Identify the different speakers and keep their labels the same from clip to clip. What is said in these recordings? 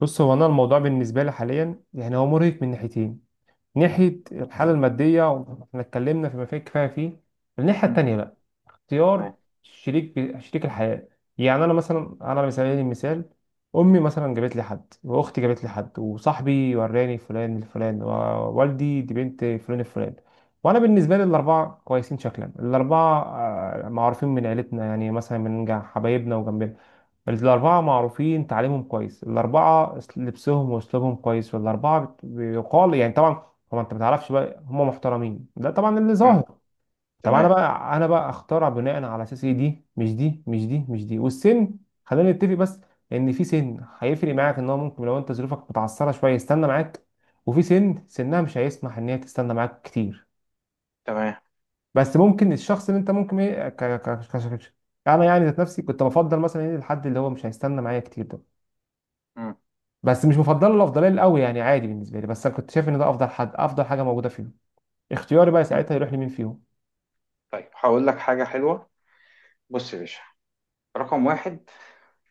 Speaker 1: بص، هو انا الموضوع بالنسبه لي حاليا يعني هو مرهق من ناحيتين. ناحيه الحاله الماديه، واحنا اتكلمنا فيما فيه الكفايه فيه. الناحيه
Speaker 2: مم.
Speaker 1: التانيه بقى اختيار
Speaker 2: تمام.
Speaker 1: شريك الحياة. يعني أنا مثلا، أنا على سبيل المثال، أمي مثلا جابت لي حد، وأختي جابت لي حد، وصاحبي وراني فلان الفلان، ووالدي دي بنت فلان الفلان. وأنا بالنسبة لي الأربعة كويسين شكلا. الأربعة آه، معروفين من عيلتنا، يعني مثلا من حبايبنا وجنبنا. الأربعة معروفين تعليمهم كويس، الأربعة لبسهم وأسلوبهم كويس، والأربعة بيقال يعني طبعا. هو أنت ما تعرفش بقى هم محترمين، ده طبعا اللي ظاهر.
Speaker 2: مم.
Speaker 1: طب انا
Speaker 2: تمام.
Speaker 1: بقى انا بقى اخترع بناء على اساس ايه؟ دي مش دي مش دي مش دي. والسن، خلينا نتفق بس، ان في سن هيفرق معاك ان هو ممكن لو انت ظروفك متعثره شويه يستنى معاك. وفي سن سنها مش هيسمح ان هي تستنى معاك كتير.
Speaker 2: تمام.
Speaker 1: بس ممكن الشخص اللي انت ممكن ايه انا يعني ذات نفسي كنت بفضل مثلا ايه الحد اللي هو مش هيستنى معايا كتير ده.
Speaker 2: مم.
Speaker 1: بس مش بفضله الافضليه الاول، يعني عادي بالنسبه لي، بس انا كنت شايف ان ده افضل حد، افضل حاجه موجوده فيهم. اختياري بقى
Speaker 2: مم.
Speaker 1: ساعتها يروح لمين فيهم؟
Speaker 2: طيب، هقول لك حاجة حلوة. بص يا باشا، رقم واحد.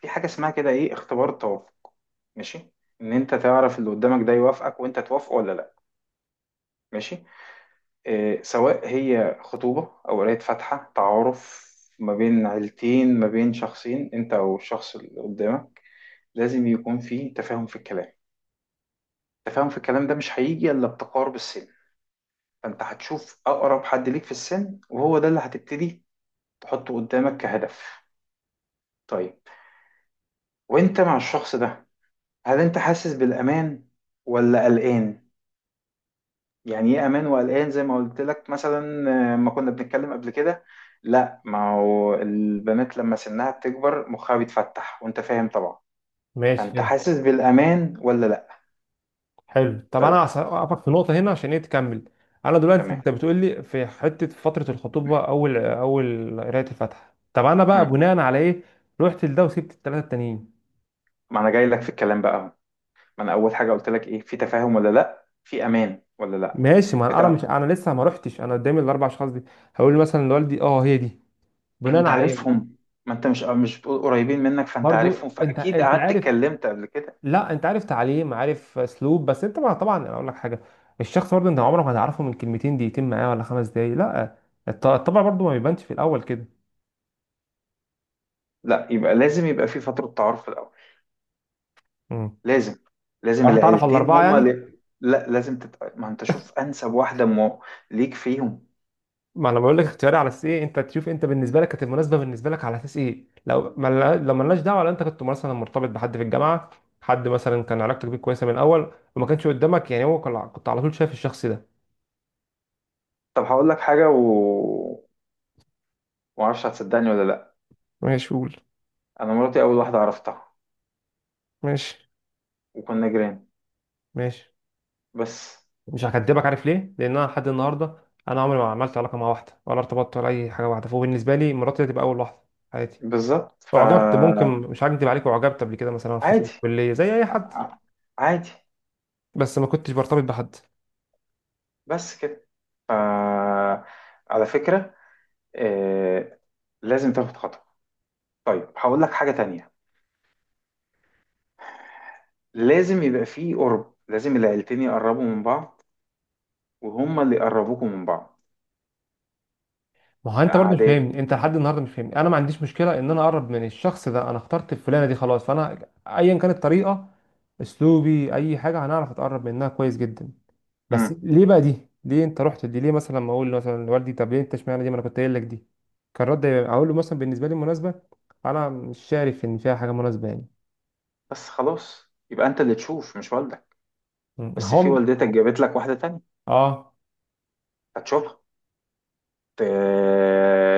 Speaker 2: في حاجة اسمها كده ايه اختبار التوافق. ماشي. ان انت تعرف اللي قدامك ده يوافقك وانت توافقه ولا لا. ماشي. إيه، سواء هي خطوبة او قراية فاتحة تعارف، ما بين عيلتين، ما بين شخصين، انت او الشخص اللي قدامك، لازم يكون في تفاهم في الكلام. التفاهم في الكلام ده مش هيجي الا بتقارب السن. فانت هتشوف اقرب حد ليك في السن، وهو ده اللي هتبتدي تحطه قدامك كهدف. طيب، وانت مع الشخص ده، هل انت حاسس بالامان ولا قلقان؟ يعني ايه امان وقلقان؟ زي ما قلت لك مثلا، ما كنا بنتكلم قبل كده. لا، ما هو البنات لما سنها بتكبر مخها بيتفتح وانت فاهم طبعا.
Speaker 1: ماشي.
Speaker 2: فانت حاسس بالامان ولا لا؟
Speaker 1: حلو، طب
Speaker 2: طيب.
Speaker 1: انا هقفك في نقطه هنا عشان ايه، تكمل. انا دلوقتي
Speaker 2: تمام.
Speaker 1: انت بتقول لي في حته فتره الخطوبه، اول اول قرايه الفاتحه. طب انا بقى
Speaker 2: مم.
Speaker 1: بناء على ايه رحت لده وسبت الثلاثه التانيين؟
Speaker 2: ما انا جاي لك في الكلام بقى اهو. ما انا اول حاجه قلت لك ايه؟ في تفاهم ولا لا؟ في امان ولا لا؟
Speaker 1: ماشي، ما انا
Speaker 2: بتاع.
Speaker 1: مش انا لسه ما رحتش، انا قدامي الاربع اشخاص دي. هقول له مثلا لوالدي، اه هي دي، بناء
Speaker 2: انت
Speaker 1: على ايه؟
Speaker 2: عارفهم. ما انت مش قريبين منك، فانت عارفهم،
Speaker 1: برضو انت
Speaker 2: فاكيد
Speaker 1: انت
Speaker 2: قعدت
Speaker 1: عارف.
Speaker 2: اتكلمت قبل كده.
Speaker 1: لا انت عارف تعليم، عارف اسلوب، بس انت ما طبعا انا اقول لك حاجه، الشخص برضه انت عمرك ما هتعرفه من كلمتين دقيقتين معاه ولا 5 دقايق، لا. الطبع برضه ما بيبانش في الاول كده.
Speaker 2: لا، يبقى لازم يبقى في فترة تعارف في الاول. لازم. لازم
Speaker 1: راح تعرف على
Speaker 2: العيلتين
Speaker 1: الاربعه
Speaker 2: هما
Speaker 1: يعني.
Speaker 2: اللي... لا، لازم ما انت شوف انسب واحدة ليك فيهم.
Speaker 1: ما انا بقول لك اختياري على اساس ايه؟ انت تشوف انت بالنسبه لك كانت المناسبه بالنسبه لك على اساس ايه؟ لو ما لو ملناش دعوه، لو انت كنت مثلا مرتبط بحد في الجامعه، حد مثلا كان علاقتك بيه كويسه من الاول، وما كانش قدامك يعني هو كنت على طول شايف الشخص ده.
Speaker 2: طب هقول لك حاجة، و... ما اعرفش هتصدقني ولا لا.
Speaker 1: ماشي قول.
Speaker 2: انا مراتي اول واحدة عرفتها،
Speaker 1: ماشي.
Speaker 2: وكنا جيران.
Speaker 1: ماشي،
Speaker 2: بس.
Speaker 1: مش هكدبك. عارف ليه؟ لان انا لحد النهارده انا عمري ما عملت علاقه مع واحده، ولا ارتبطت، ولا اي حاجه. واحده، فبالنسبه لي مراتي هتبقى اول واحده في حياتي.
Speaker 2: بالظبط،
Speaker 1: اعجبت، ممكن،
Speaker 2: فعادي.
Speaker 1: مش هكدب عليك، اعجبت قبل كده مثلا في فتره الكليه زي اي حد.
Speaker 2: ع- عادي.
Speaker 1: بس ما كنتش برتبط بحد.
Speaker 2: بس كده. ف... على فكرة، آه، لازم تاخد خطوة. طيب، هقول لك حاجة تانية. لازم يبقى فيه قرب، لازم العيلتين يقربوا من بعض، وهما اللي يقربوكوا من بعض.
Speaker 1: ما هو
Speaker 2: في
Speaker 1: انت برضه مش
Speaker 2: قعدات.
Speaker 1: فاهمني، انت لحد النهارده مش فاهمني. انا ما عنديش مشكله ان انا اقرب من الشخص ده، انا اخترت الفلانه دي خلاص، فانا ايا كانت الطريقه، اسلوبي، اي حاجه، هنعرف اتقرب منها كويس جدا. بس
Speaker 2: امم.
Speaker 1: ليه بقى دي؟ ليه انت رحت دي؟ ليه مثلا ما اقول مثلا لوالدي طب ليه انت اشمعنى دي؟ ما انا كنت قايل لك دي كان رد اقول له مثلا بالنسبه لي مناسبه. انا مش شايف ان فيها حاجه مناسبه يعني.
Speaker 2: بس خلاص، يبقى انت اللي تشوف مش والدك.
Speaker 1: ما
Speaker 2: بس في
Speaker 1: هم،
Speaker 2: والدتك جابت لك واحدة تانية،
Speaker 1: اه.
Speaker 2: هتشوفها. ت-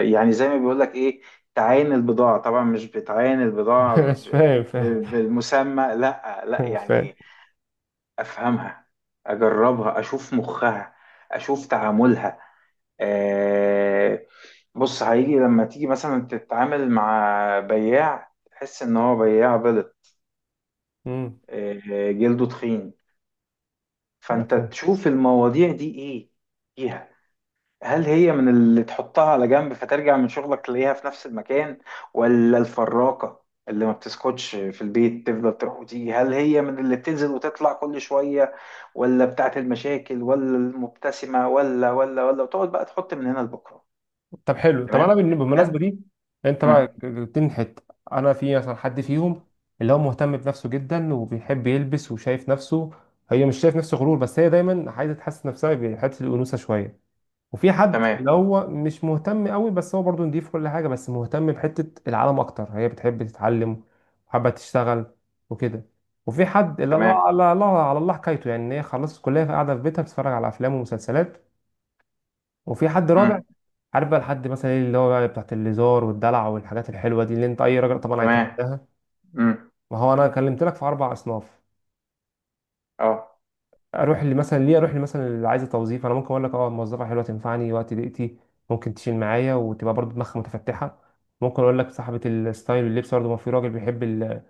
Speaker 2: يعني زي ما بيقول لك ايه، تعاين البضاعة. طبعا مش بتعاين البضاعة
Speaker 1: مش فاهم فاهم.
Speaker 2: بالمسمى، لا لا،
Speaker 1: مش فاهم.
Speaker 2: يعني افهمها، اجربها، اشوف مخها، اشوف تعاملها. آه، بص، هيجي لما تيجي مثلا تتعامل مع بياع، تحس ان هو بياع بلط،
Speaker 1: امم.
Speaker 2: جلده تخين. فانت تشوف المواضيع دي ايه فيها. هل هي من اللي تحطها على جنب فترجع من شغلك تلاقيها في نفس المكان، ولا الفراقة اللي ما بتسكتش في البيت تفضل تروح وتيجي، هل هي من اللي بتنزل وتطلع كل شوية، ولا بتاعت المشاكل، ولا المبتسمة، ولا ولا ولا، وتقعد بقى تحط من هنا لبكرة.
Speaker 1: طب حلو، طب
Speaker 2: تمام؟
Speaker 1: انا
Speaker 2: هل-
Speaker 1: بالمناسبه دي انت بقى
Speaker 2: مم.
Speaker 1: جبتني حته. انا في مثلا حد فيهم اللي هو مهتم بنفسه جدا وبيحب يلبس وشايف نفسه. هي مش شايف نفسه غرور، بس هي دايما عايزه تحسن نفسها بحته الانوثه شويه. وفي حد اللي
Speaker 2: تمام.
Speaker 1: هو مش مهتم قوي، بس هو برضه نضيف كل حاجه، بس مهتم بحته العالم اكتر، هي بتحب تتعلم وحابه تشتغل وكده. وفي حد اللي
Speaker 2: تمام.
Speaker 1: الله على الله على الله حكايته، يعني إن هي خلصت الكليه فقاعده في بيتها بتتفرج على افلام ومسلسلات. وفي حد رابع،
Speaker 2: امم.
Speaker 1: عارف بقى لحد مثلا ايه اللي هو بقى بتاعت الليزار والدلع والحاجات الحلوه دي، اللي انت اي راجل طبعا
Speaker 2: تمام.
Speaker 1: هيتمناها.
Speaker 2: امم.
Speaker 1: ما هو انا كلمت لك في اربع اصناف.
Speaker 2: اه.
Speaker 1: اروح اللي مثلا ليه؟ اروح اللي مثلا اللي عايزه توظيف؟ انا ممكن اقول لك اه موظفه حلوه تنفعني وقت ضيقتي، ممكن تشيل معايا وتبقى برضو دماغها متفتحه. ممكن اقول لك صاحبه الستايل واللبس، برضو ما في راجل بيحب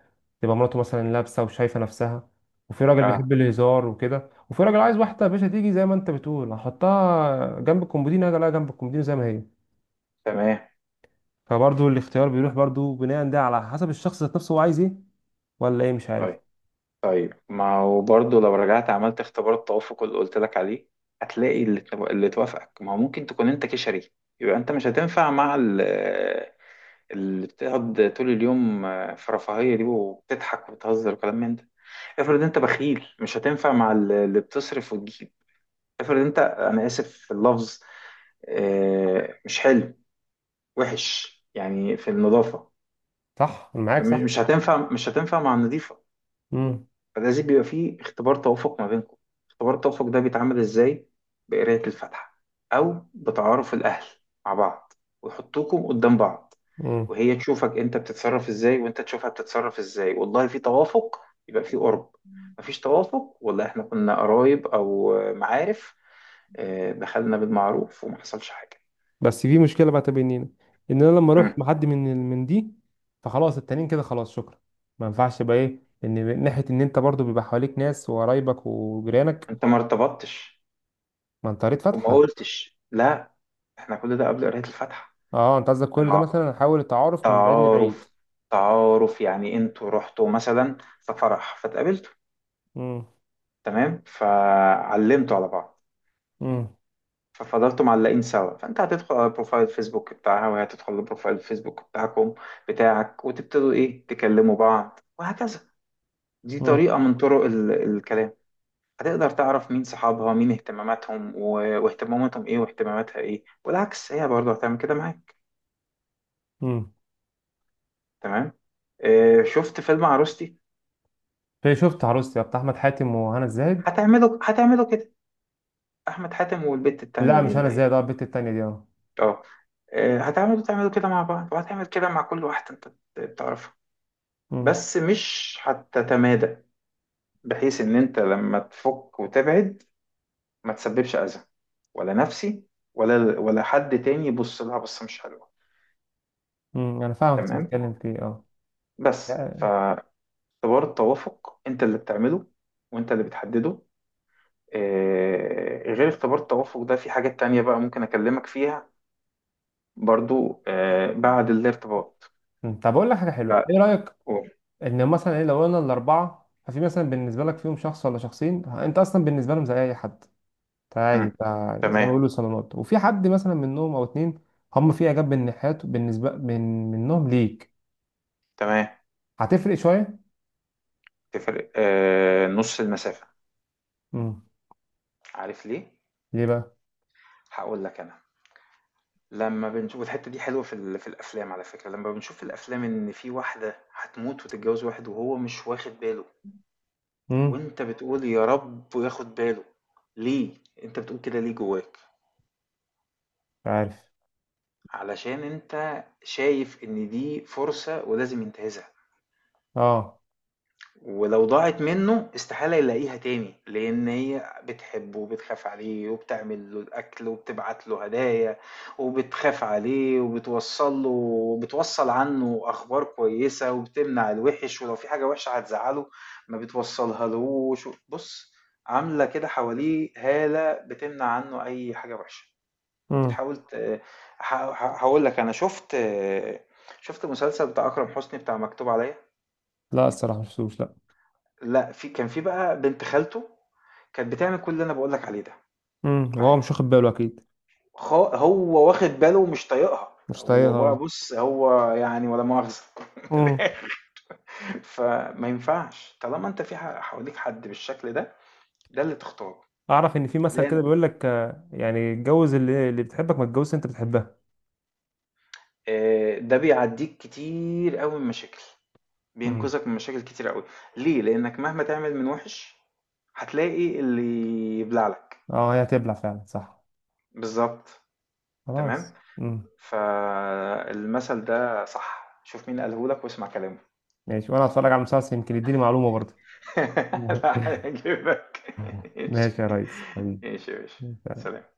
Speaker 1: تبقى مراته مثلا لابسه وشايفه نفسها. وفي راجل
Speaker 2: اه.
Speaker 1: بيحب الهزار وكده، وفي راجل عايز واحده يا باشا تيجي زي ما انت بتقول، هحطها جنب الكومودينو، هاجي الاقيها جنب الكومودينو زي ما هي.
Speaker 2: تمام.
Speaker 1: فبرضه الاختيار بيروح برضه بناء ده على حسب الشخص ذات نفسه، هو عايز ايه ولا ايه، مش عارف.
Speaker 2: طيب. طيب، ما هو برضه لو رجعت عملت اختبار التوافق اللي قلت لك عليه، هتلاقي اللي توافقك. ما هو ممكن تكون انت كشري، يبقى انت مش هتنفع مع اللي بتقعد طول اليوم في رفاهية دي وبتضحك وبتهزر وكلام من ده. افرض انت بخيل، مش هتنفع مع اللي بتصرف وتجيب. افرض انت، انا اسف في اللفظ، مش حلو، وحش يعني في النظافة،
Speaker 1: صح، انا معاك، صح.
Speaker 2: مش هتنفع مع النظيفة.
Speaker 1: امم.
Speaker 2: فلازم بيبقى فيه اختبار توافق ما بينكم. اختبار التوافق ده بيتعمل ازاي؟ بقراية الفاتحة، أو بتعارف الأهل مع بعض، ويحطوكم قدام بعض،
Speaker 1: امم.
Speaker 2: وهي تشوفك أنت بتتصرف ازاي وأنت تشوفها بتتصرف ازاي. والله في توافق، يبقى في قرب. مفيش توافق، والله احنا كنا قرايب أو معارف، دخلنا بالمعروف وما حصلش حاجة.
Speaker 1: بس في مشكله بقى تبينينا، ان انا لما اروح مع
Speaker 2: مم.
Speaker 1: حد من دي، فخلاص التانيين كده خلاص شكرا. ما ينفعش بقى ايه ان من ناحيه ان انت برضه بيبقى حواليك ناس وقرايبك وجيرانك.
Speaker 2: أنت ما ارتبطتش
Speaker 1: ما انت قريت
Speaker 2: وما
Speaker 1: فاتحه.
Speaker 2: قلتش لا. احنا كل ده قبل قراية الفاتحة.
Speaker 1: اه، انت قصدك كل ده مثلا احاول التعارف من بعيد لبعيد.
Speaker 2: تعارف. تعارف، يعني انتوا رحتوا مثلا في فرح فتقابلتوا،
Speaker 1: امم.
Speaker 2: تمام، فعلمتوا على بعض،
Speaker 1: امم.
Speaker 2: ففضلتوا معلقين سوا، فانت هتدخل على بروفايل فيسبوك بتاعها، وهي هتدخل لبروفايل فيسبوك بتاعك، وتبتدوا ايه تكلموا بعض وهكذا. دي
Speaker 1: امم.
Speaker 2: طريقة من طرق الكلام. هتقدر تعرف مين صحابها، مين اهتماماتهم واهتماماتهم ايه، واهتماماتها ايه، والعكس، هي برضه هتعمل كده معاك.
Speaker 1: امم.
Speaker 2: تمام. شفت فيلم عروستي؟
Speaker 1: في شفت عروستي بتاع احمد حاتم وهنا الزاهد.
Speaker 2: هتعمله كده. احمد حاتم والبت التانية
Speaker 1: لا
Speaker 2: دي
Speaker 1: مش هنا
Speaker 2: اللي هي...
Speaker 1: الزاهد، اه البت التانيه دي.
Speaker 2: اه. تعملوا كده مع بعض، وهتعمل كده مع كل واحدة انت بتعرفها.
Speaker 1: اه.
Speaker 2: بس مش هتتمادى، بحيث ان انت لما تفك وتبعد ما تسببش اذى، ولا نفسي، ولا حد تاني يبص لها بصة مش حلوة.
Speaker 1: امم. انا فاهم كنت
Speaker 2: تمام.
Speaker 1: بتتكلم في ايه، اه.
Speaker 2: بس
Speaker 1: لا،
Speaker 2: فاختبار التوافق انت اللي بتعمله وانت اللي بتحدده. غير اختبار التوافق ده في حاجات تانية بقى ممكن اكلمك فيها، برضو بعد الارتباط.
Speaker 1: أمم، طب اقول لك حاجه حلوه، ايه رايك؟
Speaker 2: أوه.
Speaker 1: ان مثلا ايه لو قلنا الاربعه، ففي مثلا بالنسبه لك فيهم شخص ولا شخصين انت اصلا بالنسبه لهم زي اي حد، انت عادي انت،
Speaker 2: مم.
Speaker 1: زي ما
Speaker 2: تمام.
Speaker 1: بيقولوا صالونات. وفي حد مثلا منهم او اتنين هم في اعجاب بالناحيات بالنسبه من منهم ليك،
Speaker 2: تمام.
Speaker 1: هتفرق شويه.
Speaker 2: تفرق نص المسافة.
Speaker 1: امم.
Speaker 2: عارف ليه؟
Speaker 1: ليه بقى؟
Speaker 2: هقول لك أنا. لما بنشوف الحتة دي حلوة في الأفلام، على فكرة، لما بنشوف في الأفلام إن في واحدة هتموت وتتجوز واحد وهو مش واخد باله،
Speaker 1: امم.
Speaker 2: وأنت بتقول يا رب وياخد باله. ليه؟ أنت بتقول كده ليه جواك؟
Speaker 1: مش عارف.
Speaker 2: علشان أنت شايف إن دي فرصة ولازم ينتهزها.
Speaker 1: اه.
Speaker 2: ولو ضاعت منه استحالة يلاقيها تاني، لأن هي بتحبه وبتخاف عليه وبتعمل له الأكل وبتبعت له هدايا، وبتخاف عليه وبتوصل له وبتوصل عنه أخبار كويسة وبتمنع الوحش، ولو في حاجة وحشة هتزعله ما بتوصلها لهوش، بص، عاملة كده حواليه هالة بتمنع عنه أي حاجة وحشة.
Speaker 1: امم.
Speaker 2: بتحاول ت- ه- ه- هقول لك أنا شفت مسلسل بتاع أكرم حسني بتاع مكتوب عليا.
Speaker 1: لا الصراحه مش شفتوش، لا.
Speaker 2: لأ، في بقى بنت خالته، كانت بتعمل كل اللي أنا باقول لك عليه ده.
Speaker 1: امم. وهو
Speaker 2: معاه.
Speaker 1: مش واخد باله اكيد.
Speaker 2: هو واخد باله ومش طايقها.
Speaker 1: مش
Speaker 2: هو بقى،
Speaker 1: طايقها.
Speaker 2: بُص، هو يعني ولا مؤاخذة من الآخر. فما ينفعش طالما أنت في حواليك حد بالشكل ده، ده اللي تختاره.
Speaker 1: اعرف ان في مثل كده
Speaker 2: لأن
Speaker 1: بيقول لك آه، يعني اتجوز اللي بتحبك، ما تتجوزش انت بتحبها.
Speaker 2: ده بيعدّيك كتير أوي من مشاكل،
Speaker 1: امم.
Speaker 2: بينقذك من مشاكل كتير أوي. ليه؟ لأنك مهما تعمل من وِحِش، هتلاقي اللي يبلع لك.
Speaker 1: اه، هي هتبلع فعلا، صح.
Speaker 2: بالضبط. تمام؟
Speaker 1: خلاص. امم.
Speaker 2: فالمثل ده صح، شوف مين قاله لك واسمع كلامه.
Speaker 1: ماشي، وانا هتفرج على المسلسل يمكن يديني معلومة برضه.
Speaker 2: لا هيعجبك. ماشي.
Speaker 1: ماشي يا ريس.
Speaker 2: ماشي يا باشا.
Speaker 1: حبيبي.
Speaker 2: سلام.